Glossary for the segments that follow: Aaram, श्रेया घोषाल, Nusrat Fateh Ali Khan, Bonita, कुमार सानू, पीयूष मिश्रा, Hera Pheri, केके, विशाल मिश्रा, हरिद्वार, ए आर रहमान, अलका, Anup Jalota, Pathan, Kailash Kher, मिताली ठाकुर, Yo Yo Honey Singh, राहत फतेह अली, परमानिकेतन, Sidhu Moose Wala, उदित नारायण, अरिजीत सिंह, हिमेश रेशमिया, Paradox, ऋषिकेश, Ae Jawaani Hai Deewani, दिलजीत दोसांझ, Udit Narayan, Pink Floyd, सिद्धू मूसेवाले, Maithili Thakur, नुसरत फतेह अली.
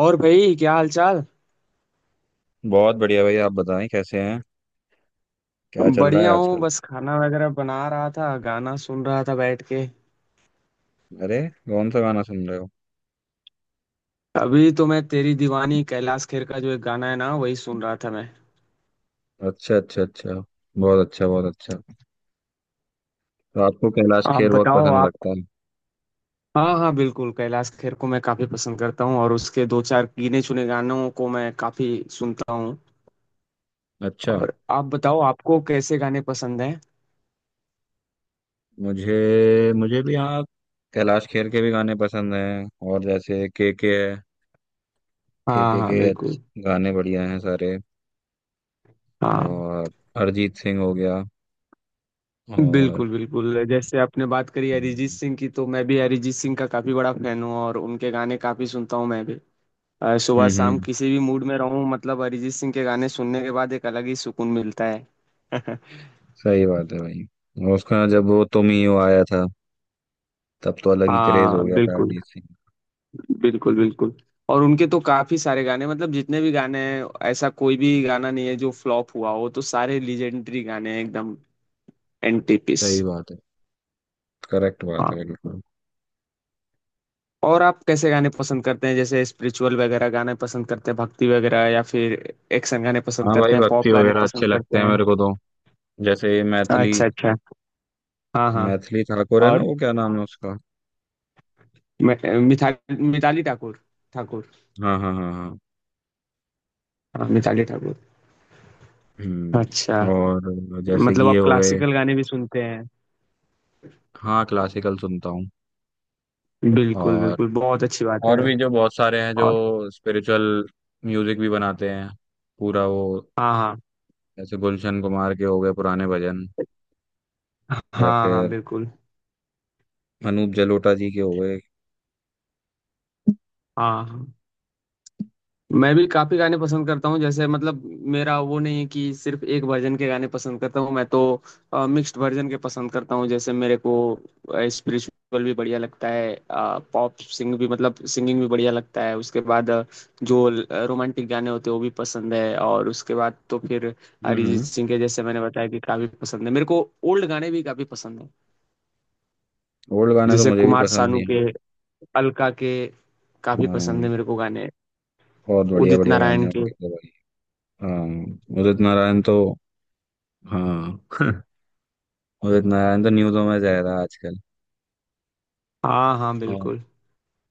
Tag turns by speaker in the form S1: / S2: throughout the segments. S1: और भाई, क्या हाल चाल।
S2: बहुत बढ़िया भाई, आप बताएं कैसे हैं। क्या चल रहा
S1: बढ़िया
S2: है
S1: हूँ,
S2: आजकल।
S1: बस खाना वगैरह बना रहा था, गाना सुन रहा था बैठ के।
S2: अरे, कौन सा गाना सुन रहे हो।
S1: अभी तो मैं तेरी दीवानी, कैलाश खेर का जो एक गाना है ना, वही सुन रहा था मैं।
S2: अच्छा अच्छा अच्छा। बहुत अच्छा, बहुत अच्छा। तो आपको कैलाश
S1: आप
S2: खेर बहुत
S1: बताओ,
S2: पसंद लगता
S1: आप।
S2: है।
S1: हाँ हाँ, बिल्कुल कैलाश खेर को मैं काफी पसंद करता हूँ, और उसके दो चार गिने चुने गानों को मैं काफी सुनता हूँ।
S2: अच्छा।
S1: और आप बताओ, आपको कैसे गाने पसंद हैं?
S2: मुझे मुझे भी हाँ, कैलाश खेर के भी गाने पसंद हैं, और जैसे के है।
S1: हाँ हाँ
S2: के
S1: बिल्कुल।
S2: अच्छे- गाने बढ़िया हैं सारे।
S1: हाँ
S2: और अरिजीत सिंह हो गया। और
S1: बिल्कुल बिल्कुल, जैसे आपने बात करी अरिजीत
S2: हम्म।
S1: सिंह की, तो मैं भी अरिजीत सिंह का काफी बड़ा फैन हूँ और उनके गाने काफी सुनता हूँ मैं भी। सुबह शाम
S2: हम्म,
S1: किसी भी मूड में रहूं, मतलब अरिजीत सिंह के गाने सुनने के बाद एक अलग ही सुकून मिलता है।
S2: सही बात है भाई। और उसका जब वो तुम ही हो आया था, तब तो अलग ही क्रेज
S1: हाँ
S2: हो गया था
S1: बिल्कुल
S2: अरिजीत सिंह।
S1: बिल्कुल बिल्कुल, और उनके तो काफी सारे गाने, मतलब जितने भी गाने हैं, ऐसा कोई भी गाना नहीं है जो फ्लॉप हुआ हो, तो सारे लीजेंडरी गाने हैं एकदम एंटीपीस।
S2: सही बात है। करेक्ट बात है
S1: हाँ।
S2: बिल्कुल।
S1: और आप कैसे गाने पसंद करते हैं? जैसे स्पिरिचुअल वगैरह गाने पसंद करते हैं, भक्ति वगैरह, या फिर एक्शन गाने पसंद
S2: हाँ भाई,
S1: करते हैं, पॉप
S2: भक्ति
S1: गाने
S2: वगैरह अच्छे
S1: पसंद
S2: लगते
S1: करते
S2: हैं
S1: हैं?
S2: मेरे को तो। जैसे ये मैथिली।
S1: अच्छा अच्छा, हाँ हाँ,
S2: मैथिली ठाकुर है ना,
S1: और
S2: वो क्या नाम है उसका।
S1: मि- मिथा मिताली ठाकुर ठाकुर
S2: हाँ हाँ हाँ हाँ।
S1: हाँ, मिताली ठाकुर। अच्छा,
S2: हम्म, और जैसे कि
S1: मतलब
S2: ये
S1: आप
S2: हो गए।
S1: क्लासिकल गाने भी सुनते हैं?
S2: हाँ, क्लासिकल सुनता हूँ।
S1: बिल्कुल
S2: और
S1: बिल्कुल, बहुत अच्छी बात है।
S2: और भी जो बहुत सारे हैं जो
S1: और,
S2: स्पिरिचुअल म्यूजिक भी बनाते हैं पूरा वो।
S1: हाँ हाँ
S2: जैसे गुलशन कुमार के हो गए पुराने भजन। या
S1: हाँ हाँ,
S2: फिर
S1: बिल्कुल।
S2: अनूप जलोटा जी के हो गए।
S1: हाँ हाँ। मैं भी काफी गाने पसंद करता हूँ, जैसे मतलब मेरा वो नहीं है कि सिर्फ एक वर्जन के गाने पसंद करता हूँ। मैं तो मिक्स्ड वर्जन के पसंद करता हूँ, जैसे मेरे को स्पिरिचुअल भी बढ़िया लगता है, पॉप सिंग भी, मतलब सिंगिंग भी बढ़िया लगता है। उसके बाद जो रोमांटिक गाने होते हैं वो भी पसंद है, और उसके बाद तो फिर अरिजीत
S2: हम्म।
S1: सिंह के, जैसे मैंने बताया, कि काफी पसंद है मेरे को। ओल्ड गाने भी काफी पसंद है,
S2: ओल्ड गाने तो
S1: जैसे
S2: मुझे भी
S1: कुमार
S2: पसंद
S1: सानू
S2: नहीं
S1: के,
S2: है।
S1: अलका के, काफी पसंद
S2: हाँ,
S1: है मेरे को गाने।
S2: बहुत बढ़िया
S1: उदित
S2: बढ़िया गाने
S1: नारायण
S2: हैं
S1: के,
S2: उनके तो। हाँ, उदित नारायण तो, हाँ उदित नारायण तो न्यूज़ों में जा रहा है आजकल।
S1: हाँ हाँ
S2: और
S1: बिल्कुल।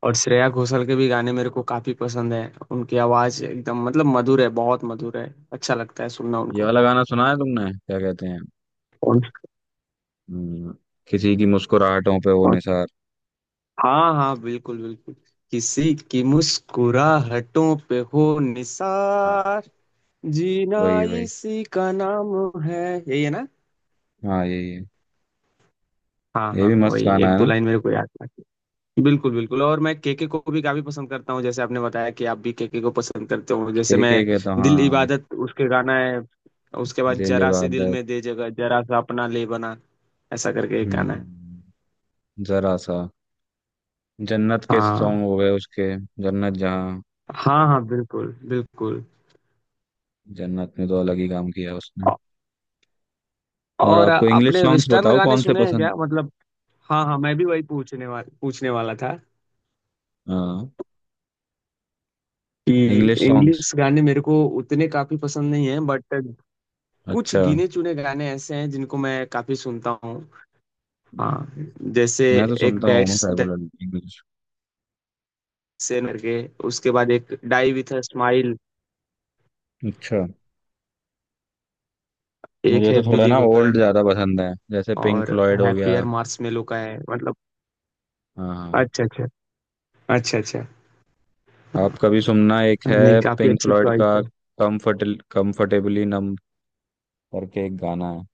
S1: और श्रेया घोषाल के भी गाने मेरे को काफी पसंद है। उनकी आवाज एकदम, मतलब मधुर है, बहुत मधुर है। अच्छा लगता है सुनना
S2: ये
S1: उनको।
S2: वाला गाना सुना है तुमने, क्या कहते हैं।
S1: कौन
S2: हम्म, किसी की मुस्कुराहटों पे वो
S1: कौन?
S2: निसार।
S1: हाँ हाँ बिल्कुल बिल्कुल, किसी की मुस्कुराहटों पे हो
S2: हाँ,
S1: निसार, जीना
S2: वही वही।
S1: इसी का नाम है, यही है ना?
S2: हाँ, यही है।
S1: हाँ
S2: ये
S1: हाँ,
S2: भी मस्त
S1: वही
S2: गाना
S1: एक
S2: है
S1: दो
S2: ना।
S1: लाइन मेरे को याद है। बिल्कुल बिल्कुल, और मैं केके को भी काफी पसंद करता हूँ, जैसे आपने बताया कि आप भी केके को पसंद करते हो, जैसे
S2: एक
S1: मैं।
S2: एक है तो
S1: दिल
S2: हाँ,
S1: इबादत उसके गाना है, उसके बाद
S2: दिल
S1: जरा सी दिल
S2: इबादत।
S1: में दे जगह, जरा सा अपना ले बना, ऐसा करके एक
S2: हम्म
S1: गाना है।
S2: हम्म, जरा सा। जन्नत के सॉन्ग
S1: हाँ
S2: हो गए उसके। जन्नत जहाँ।
S1: हाँ हाँ बिल्कुल बिल्कुल।
S2: जन्नत में तो अलग ही काम किया उसने।
S1: औ-
S2: और
S1: और
S2: आपको इंग्लिश
S1: आपने
S2: सॉन्ग्स
S1: वेस्टर्न
S2: बताओ
S1: गाने
S2: कौन से
S1: सुने हैं
S2: पसंद।
S1: क्या, मतलब? हाँ हाँ, मैं भी वही पूछने वाला था,
S2: हाँ,
S1: कि
S2: इंग्लिश सॉन्ग्स।
S1: इंग्लिश गाने मेरे को उतने काफी पसंद नहीं है, बट कुछ
S2: अच्छा,
S1: गिने चुने गाने ऐसे हैं जिनको मैं काफी सुनता हूँ। हाँ, जैसे
S2: मैं तो
S1: एक
S2: सुनता हूँ
S1: डैश
S2: रेगुलर इंग्लिश।
S1: डैशन करके, उसके बाद एक डाई विथ अ स्माइल,
S2: अच्छा,
S1: एक
S2: मुझे तो
S1: है
S2: थोड़ा ना ओल्ड
S1: बिलीवर,
S2: ज्यादा पसंद है, जैसे पिंक
S1: और
S2: फ्लॉयड हो गया।
S1: हैप्पियर मार्शमेलो का है, मतलब।
S2: हाँ,
S1: अच्छा अच्छा, अच्छा अच्छा,
S2: आप कभी सुनना एक
S1: नहीं
S2: है
S1: काफी
S2: पिंक
S1: अच्छी
S2: फ्लॉयड
S1: चॉइस
S2: का,
S1: है।
S2: कम्फर्ट, कंफर्टेबली नम करके एक गाना है।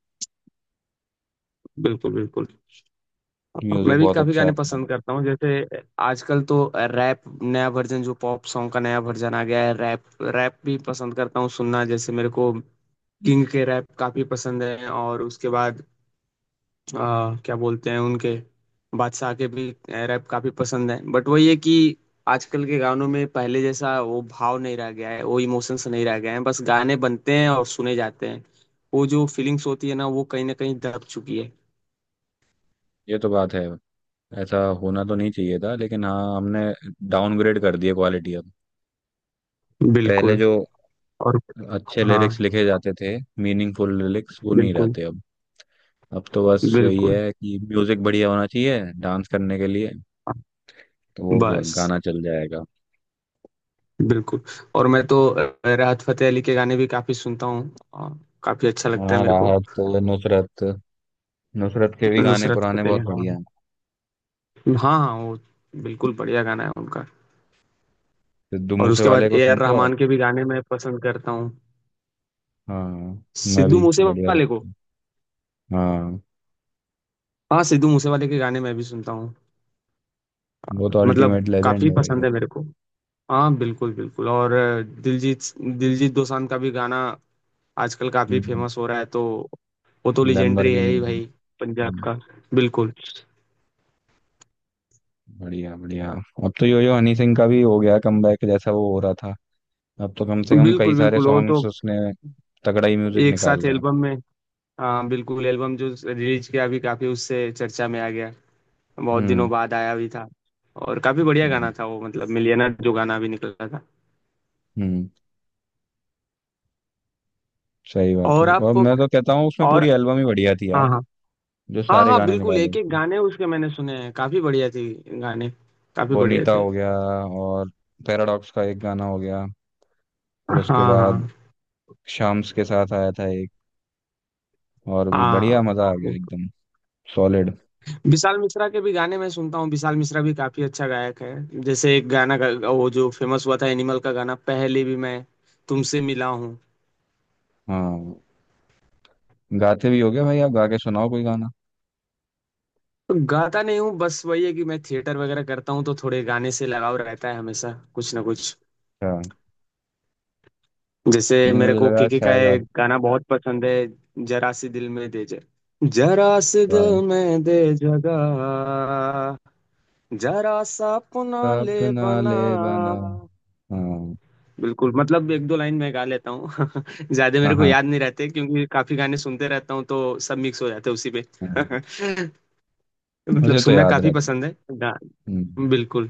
S1: बिल्कुल बिल्कुल।
S2: म्यूजिक
S1: मैं भी
S2: बहुत
S1: काफी
S2: अच्छा है
S1: गाने
S2: उसका।
S1: पसंद करता हूँ, जैसे आजकल तो रैप, नया वर्जन, जो पॉप सॉन्ग का नया वर्जन आ गया है, रैप। रैप भी पसंद करता हूँ सुनना, जैसे मेरे को किंग के रैप काफी पसंद है, और उसके बाद क्या बोलते हैं उनके, बादशाह के भी रैप काफी पसंद है, बट वही है कि आजकल के गानों में पहले जैसा वो भाव नहीं रह गया है, वो इमोशंस नहीं रह गए हैं, बस गाने बनते हैं और सुने जाते हैं। वो जो फीलिंग्स होती है ना, वो कहीं ना कहीं दब चुकी है।
S2: ये तो बात है। ऐसा होना तो नहीं चाहिए था, लेकिन हाँ, हमने डाउनग्रेड कर दिया क्वालिटी अब। पहले
S1: बिल्कुल।
S2: जो
S1: और
S2: अच्छे
S1: हाँ
S2: लिरिक्स लिखे जाते थे, मीनिंगफुल लिरिक्स, वो नहीं
S1: बिल्कुल
S2: रहते अब। अब तो बस वही
S1: बिल्कुल,
S2: है कि म्यूजिक बढ़िया होना चाहिए डांस करने के लिए, तो वो
S1: बस
S2: गाना चल जाएगा।
S1: बिल्कुल। और मैं तो राहत फतेह अली के गाने भी काफी सुनता हूँ। काफी अच्छा लगता है
S2: हाँ,
S1: मेरे को।
S2: राहत तो, नुसरत, नुसरत के भी गाने
S1: नुसरत
S2: पुराने
S1: फतेह अली,
S2: बहुत हाँ
S1: हाँ
S2: बढ़िया हैं।
S1: हाँ हाँ, वो बिल्कुल बढ़िया गाना है उनका।
S2: सिद्धू
S1: और
S2: मूसे
S1: उसके बाद
S2: वाले को
S1: ए आर
S2: सुनते हो आप।
S1: रहमान के भी गाने मैं पसंद करता हूँ।
S2: हाँ, मैं
S1: सिद्धू
S2: भी बढ़िया
S1: मूसेवाले को,
S2: लगता है। हाँ।
S1: हाँ सिद्धू मूसेवाले के गाने मैं भी सुनता हूँ,
S2: वो तो
S1: मतलब
S2: अल्टीमेट लेजेंड
S1: काफी
S2: है भैया।
S1: पसंद है मेरे को। हाँ बिल्कुल बिल्कुल, और दिलजीत दिलजीत दोसांझ का भी गाना आजकल काफी
S2: हम्म,
S1: फेमस हो रहा है, तो वो तो लेजेंडरी है
S2: लैम्बोर्गिनी।
S1: ही भाई, पंजाब
S2: हम्म,
S1: का। बिल्कुल
S2: बढ़िया बढ़िया। अब तो यो यो हनी सिंह का भी हो गया कमबैक, जैसा वो हो रहा था। अब तो कम से कम कई
S1: बिल्कुल
S2: सारे
S1: बिल्कुल, वो तो
S2: सॉन्ग्स उसने तगड़ा ही म्यूजिक
S1: एक साथ
S2: निकाल रहा है।
S1: एल्बम में। हाँ बिल्कुल, एल्बम जो रिलीज किया अभी, काफी उससे चर्चा में आ गया, बहुत दिनों
S2: हम्म।
S1: बाद आया भी था, और काफी बढ़िया
S2: हाँ,
S1: गाना था वो, मतलब मिलियनर जो गाना भी निकला था।
S2: हम्म, सही बात है।
S1: और
S2: और
S1: आपको,
S2: मैं तो कहता हूँ उसमें
S1: और
S2: पूरी एल्बम ही बढ़िया थी यार,
S1: हाँ हाँ
S2: जो
S1: हाँ
S2: सारे
S1: हाँ,
S2: गाने
S1: बिल्कुल
S2: निकाले।
S1: एक एक गाने उसके मैंने सुने हैं, काफी बढ़िया थे गाने, काफी बढ़िया
S2: बोनीता
S1: थे।
S2: हो गया, और पैराडॉक्स का एक गाना हो गया, फिर उसके
S1: हाँ
S2: बाद
S1: हाँ
S2: शाम्स के साथ आया था एक और भी,
S1: हाँ
S2: बढ़िया मजा आ गया
S1: बिल्कुल।
S2: एकदम। सॉलिड।
S1: विशाल मिश्रा के भी गाने मैं सुनता हूँ, विशाल मिश्रा भी काफी अच्छा गायक है। जैसे एक गाना वो जो फेमस हुआ था एनिमल का गाना, पहले भी, मैं तुमसे मिला हूँ।
S2: हाँ, गाते भी हो गया भाई, आप गा के सुनाओ कोई गाना।
S1: गाता नहीं हूँ, बस वही है कि मैं थिएटर वगैरह करता हूँ, तो थोड़े गाने से लगाव रहता है हमेशा, कुछ ना कुछ।
S2: अच्छा,
S1: जैसे
S2: नहीं
S1: मेरे
S2: मुझे
S1: को
S2: लगा
S1: केके का
S2: शायद
S1: ये
S2: आप
S1: गाना बहुत पसंद है, जरा सी दिल में दे जगह, जरा सी
S2: गा-।
S1: दिल में दे जगह, जरा सा अपना ले
S2: अपना
S1: बना।
S2: ले, बना। हाँ
S1: बिल्कुल, मतलब एक दो लाइन मैं गा लेता हूँ। ज्यादा
S2: हाँ
S1: मेरे को
S2: हाँ
S1: याद नहीं रहते, क्योंकि काफी गाने सुनते रहता हूँ, तो सब मिक्स हो जाते हैं उसी में।
S2: हाँ।
S1: मतलब
S2: मुझे तो
S1: सुनना
S2: याद
S1: काफी
S2: रहता है।
S1: पसंद है,
S2: हम्म।
S1: बिल्कुल।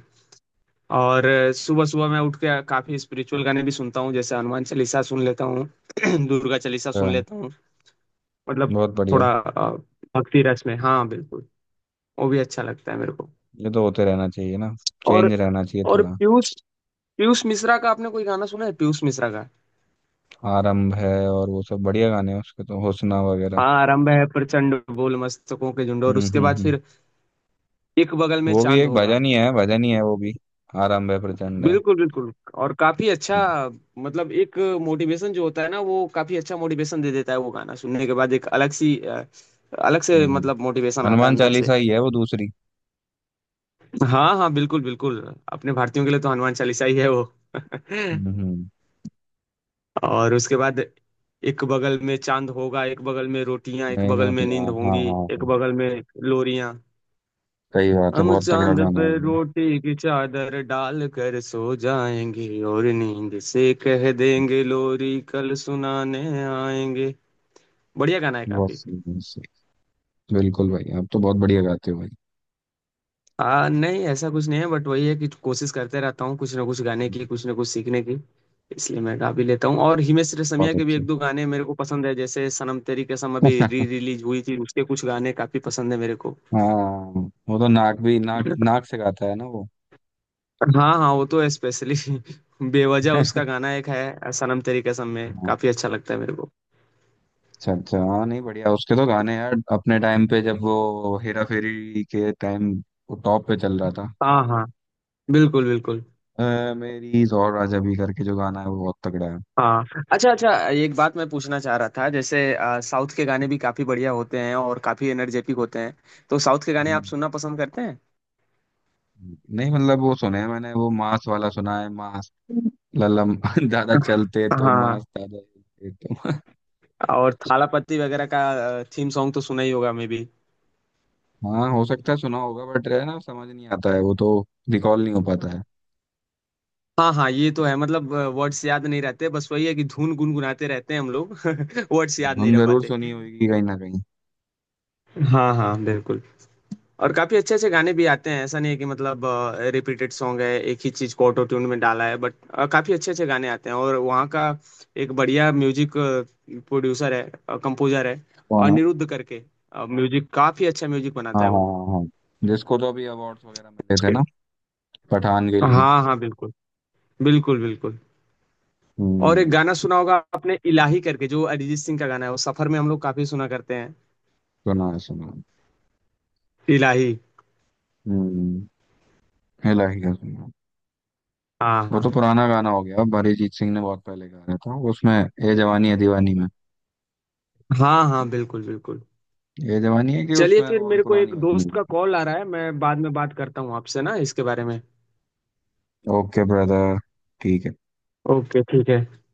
S1: और सुबह सुबह मैं उठ के काफी स्पिरिचुअल गाने भी सुनता हूँ, जैसे हनुमान चालीसा सुन लेता हूँ, दुर्गा चालीसा सुन
S2: अच्छा,
S1: लेता हूँ, मतलब
S2: बहुत बढ़िया।
S1: थोड़ा भक्ति रस में, हाँ बिल्कुल, वो भी अच्छा लगता है मेरे को।
S2: ये तो होते रहना चाहिए ना,
S1: और
S2: चेंज रहना चाहिए
S1: और
S2: थोड़ा।
S1: पीयूष पीयूष मिश्रा का आपने कोई गाना सुना है? पीयूष मिश्रा का।
S2: आरंभ है, और वो सब बढ़िया गाने हैं उसके, तो हुस्ना वगैरह।
S1: हाँ, आरंभ है प्रचंड बोल, मस्तकों के झुंड, और उसके बाद
S2: हम्म।
S1: फिर एक बगल में
S2: वो भी
S1: चांद
S2: एक
S1: होगा।
S2: भजन ही है, भजन ही है वो भी। आरंभ है प्रचंड है।
S1: बिल्कुल बिल्कुल, और काफी अच्छा,
S2: हम्म।
S1: मतलब एक मोटिवेशन जो होता है ना, वो काफी अच्छा मोटिवेशन दे देता है। वो गाना सुनने के बाद एक अलग सी अलग से,
S2: हम्म।
S1: मतलब मोटिवेशन आता है
S2: हनुमान
S1: अंदर से।
S2: चालीसा ही है वो दूसरी।
S1: हाँ हाँ बिल्कुल बिल्कुल, अपने भारतीयों के लिए तो हनुमान चालीसा ही है वो।
S2: हम्म,
S1: और उसके बाद, एक बगल में चांद होगा, एक बगल में रोटियां, एक
S2: एक
S1: बगल
S2: और
S1: में
S2: हाँ
S1: नींद
S2: हाँ
S1: होंगी,
S2: हाँ
S1: एक
S2: हाँ।
S1: बगल में लोरियां,
S2: सही बात है,
S1: हम
S2: बहुत तगड़ा
S1: चांद
S2: गाना
S1: पे
S2: है ये।
S1: रोटी की चादर डाल कर सो जाएंगे, और नींद से कह देंगे लोरी कल सुनाने आएंगे। बढ़िया गाना है
S2: बहुत
S1: काफी।
S2: सही, बहुत सही। बिल्कुल भाई, आप तो बहुत बढ़िया गाते हो भाई।
S1: नहीं ऐसा कुछ नहीं है, बट वही है कि कोशिश करते रहता हूँ कुछ ना कुछ गाने की, कुछ ना कुछ सीखने की, इसलिए मैं गा भी लेता हूँ। और हिमेश रेशमिया
S2: बहुत
S1: के भी
S2: अच्छे
S1: एक दो गाने मेरे को पसंद है, जैसे सनम तेरी कसम अभी री रिलीज हुई थी, उसके कुछ गाने काफी पसंद है मेरे को।
S2: हाँ, वो तो नाक भी, नाक नाक से गाता है ना वो।
S1: हाँ हाँ, वो तो स्पेशली बेवजह उसका गाना एक है सनम तेरी कसम में,
S2: हाँ,
S1: काफी अच्छा लगता है मेरे को।
S2: अच्छा अच्छा। हाँ, नहीं बढ़िया उसके तो गाने यार अपने टाइम पे, जब वो हेरा फेरी के टाइम वो टॉप पे चल रहा था।
S1: हाँ हाँ बिल्कुल बिल्कुल
S2: मेरी और राजा भी करके जो गाना है वो बहुत तगड़ा है।
S1: हाँ। अच्छा अच्छा, एक बात मैं पूछना चाह रहा था, जैसे साउथ के गाने भी काफी बढ़िया होते हैं और काफी एनर्जेटिक होते हैं, तो साउथ के गाने
S2: हम्म,
S1: आप सुनना पसंद करते हैं?
S2: नहीं मतलब वो सुने हैं मैंने, वो मांस वाला सुना है। मांस ललम ज्यादा चलते तो
S1: हाँ,
S2: मांस, ज्यादा हिलते तो।
S1: और थालापति वगैरह का थीम सॉन्ग तो सुना ही होगा मे भी।
S2: हाँ, हो सकता है सुना होगा, बट है ना, समझ नहीं आता है वो तो। रिकॉल नहीं हो पाता है।
S1: हाँ हाँ, ये तो है, मतलब वर्ड्स याद नहीं रहते, बस वही है कि धुन गुनगुनाते रहते हैं हम लोग। वर्ड्स याद नहीं
S2: धुन
S1: रह
S2: जरूर
S1: पाते।
S2: सुनी होगी कहीं ना कहीं।
S1: हाँ हाँ बिल्कुल, और काफी अच्छे अच्छे गाने भी आते हैं, ऐसा नहीं है कि मतलब रिपीटेड सॉन्ग है, एक ही चीज को ऑटो ट्यून में डाला है, बट काफी अच्छे अच्छे गाने आते हैं, और वहाँ का एक बढ़िया म्यूजिक प्रोड्यूसर है, कंपोजर है,
S2: कौन है।
S1: अनिरुद्ध करके। म्यूजिक, काफी अच्छा म्यूजिक
S2: हाँ
S1: बनाता है
S2: हाँ
S1: वो।
S2: हाँ हाँ। जिसको तो अभी अवार्ड्स वगैरह मिले थे ना, पठान के लिए।
S1: हाँ हाँ बिल्कुल बिल्कुल, बिल्कुल। और एक
S2: हम्म।
S1: गाना सुना होगा आपने इलाही करके, जो अरिजीत सिंह का गाना है, वो सफर में हम लोग काफ़ी सुना करते हैं,
S2: सुना है, सुना है।
S1: इलाही।
S2: हम्म, इलाही का सुना है।
S1: हाँ,
S2: वो तो
S1: हाँ।
S2: पुराना गाना हो गया अब, अरिजीत सिंह ने बहुत पहले गाया था उसमें, ए जवानी है दीवानी में।
S1: हाँ, हाँ, बिल्कुल, बिल्कुल।
S2: ए जवानी है कि
S1: चलिए
S2: उसमें,
S1: फिर,
S2: और
S1: मेरे को एक
S2: पुरानी वाली
S1: दोस्त का
S2: मूवी।
S1: कॉल आ रहा है, मैं बाद में बात करता हूँ आपसे ना इसके बारे में।
S2: ओके ब्रदर, ठीक है।
S1: ओके, ठीक है।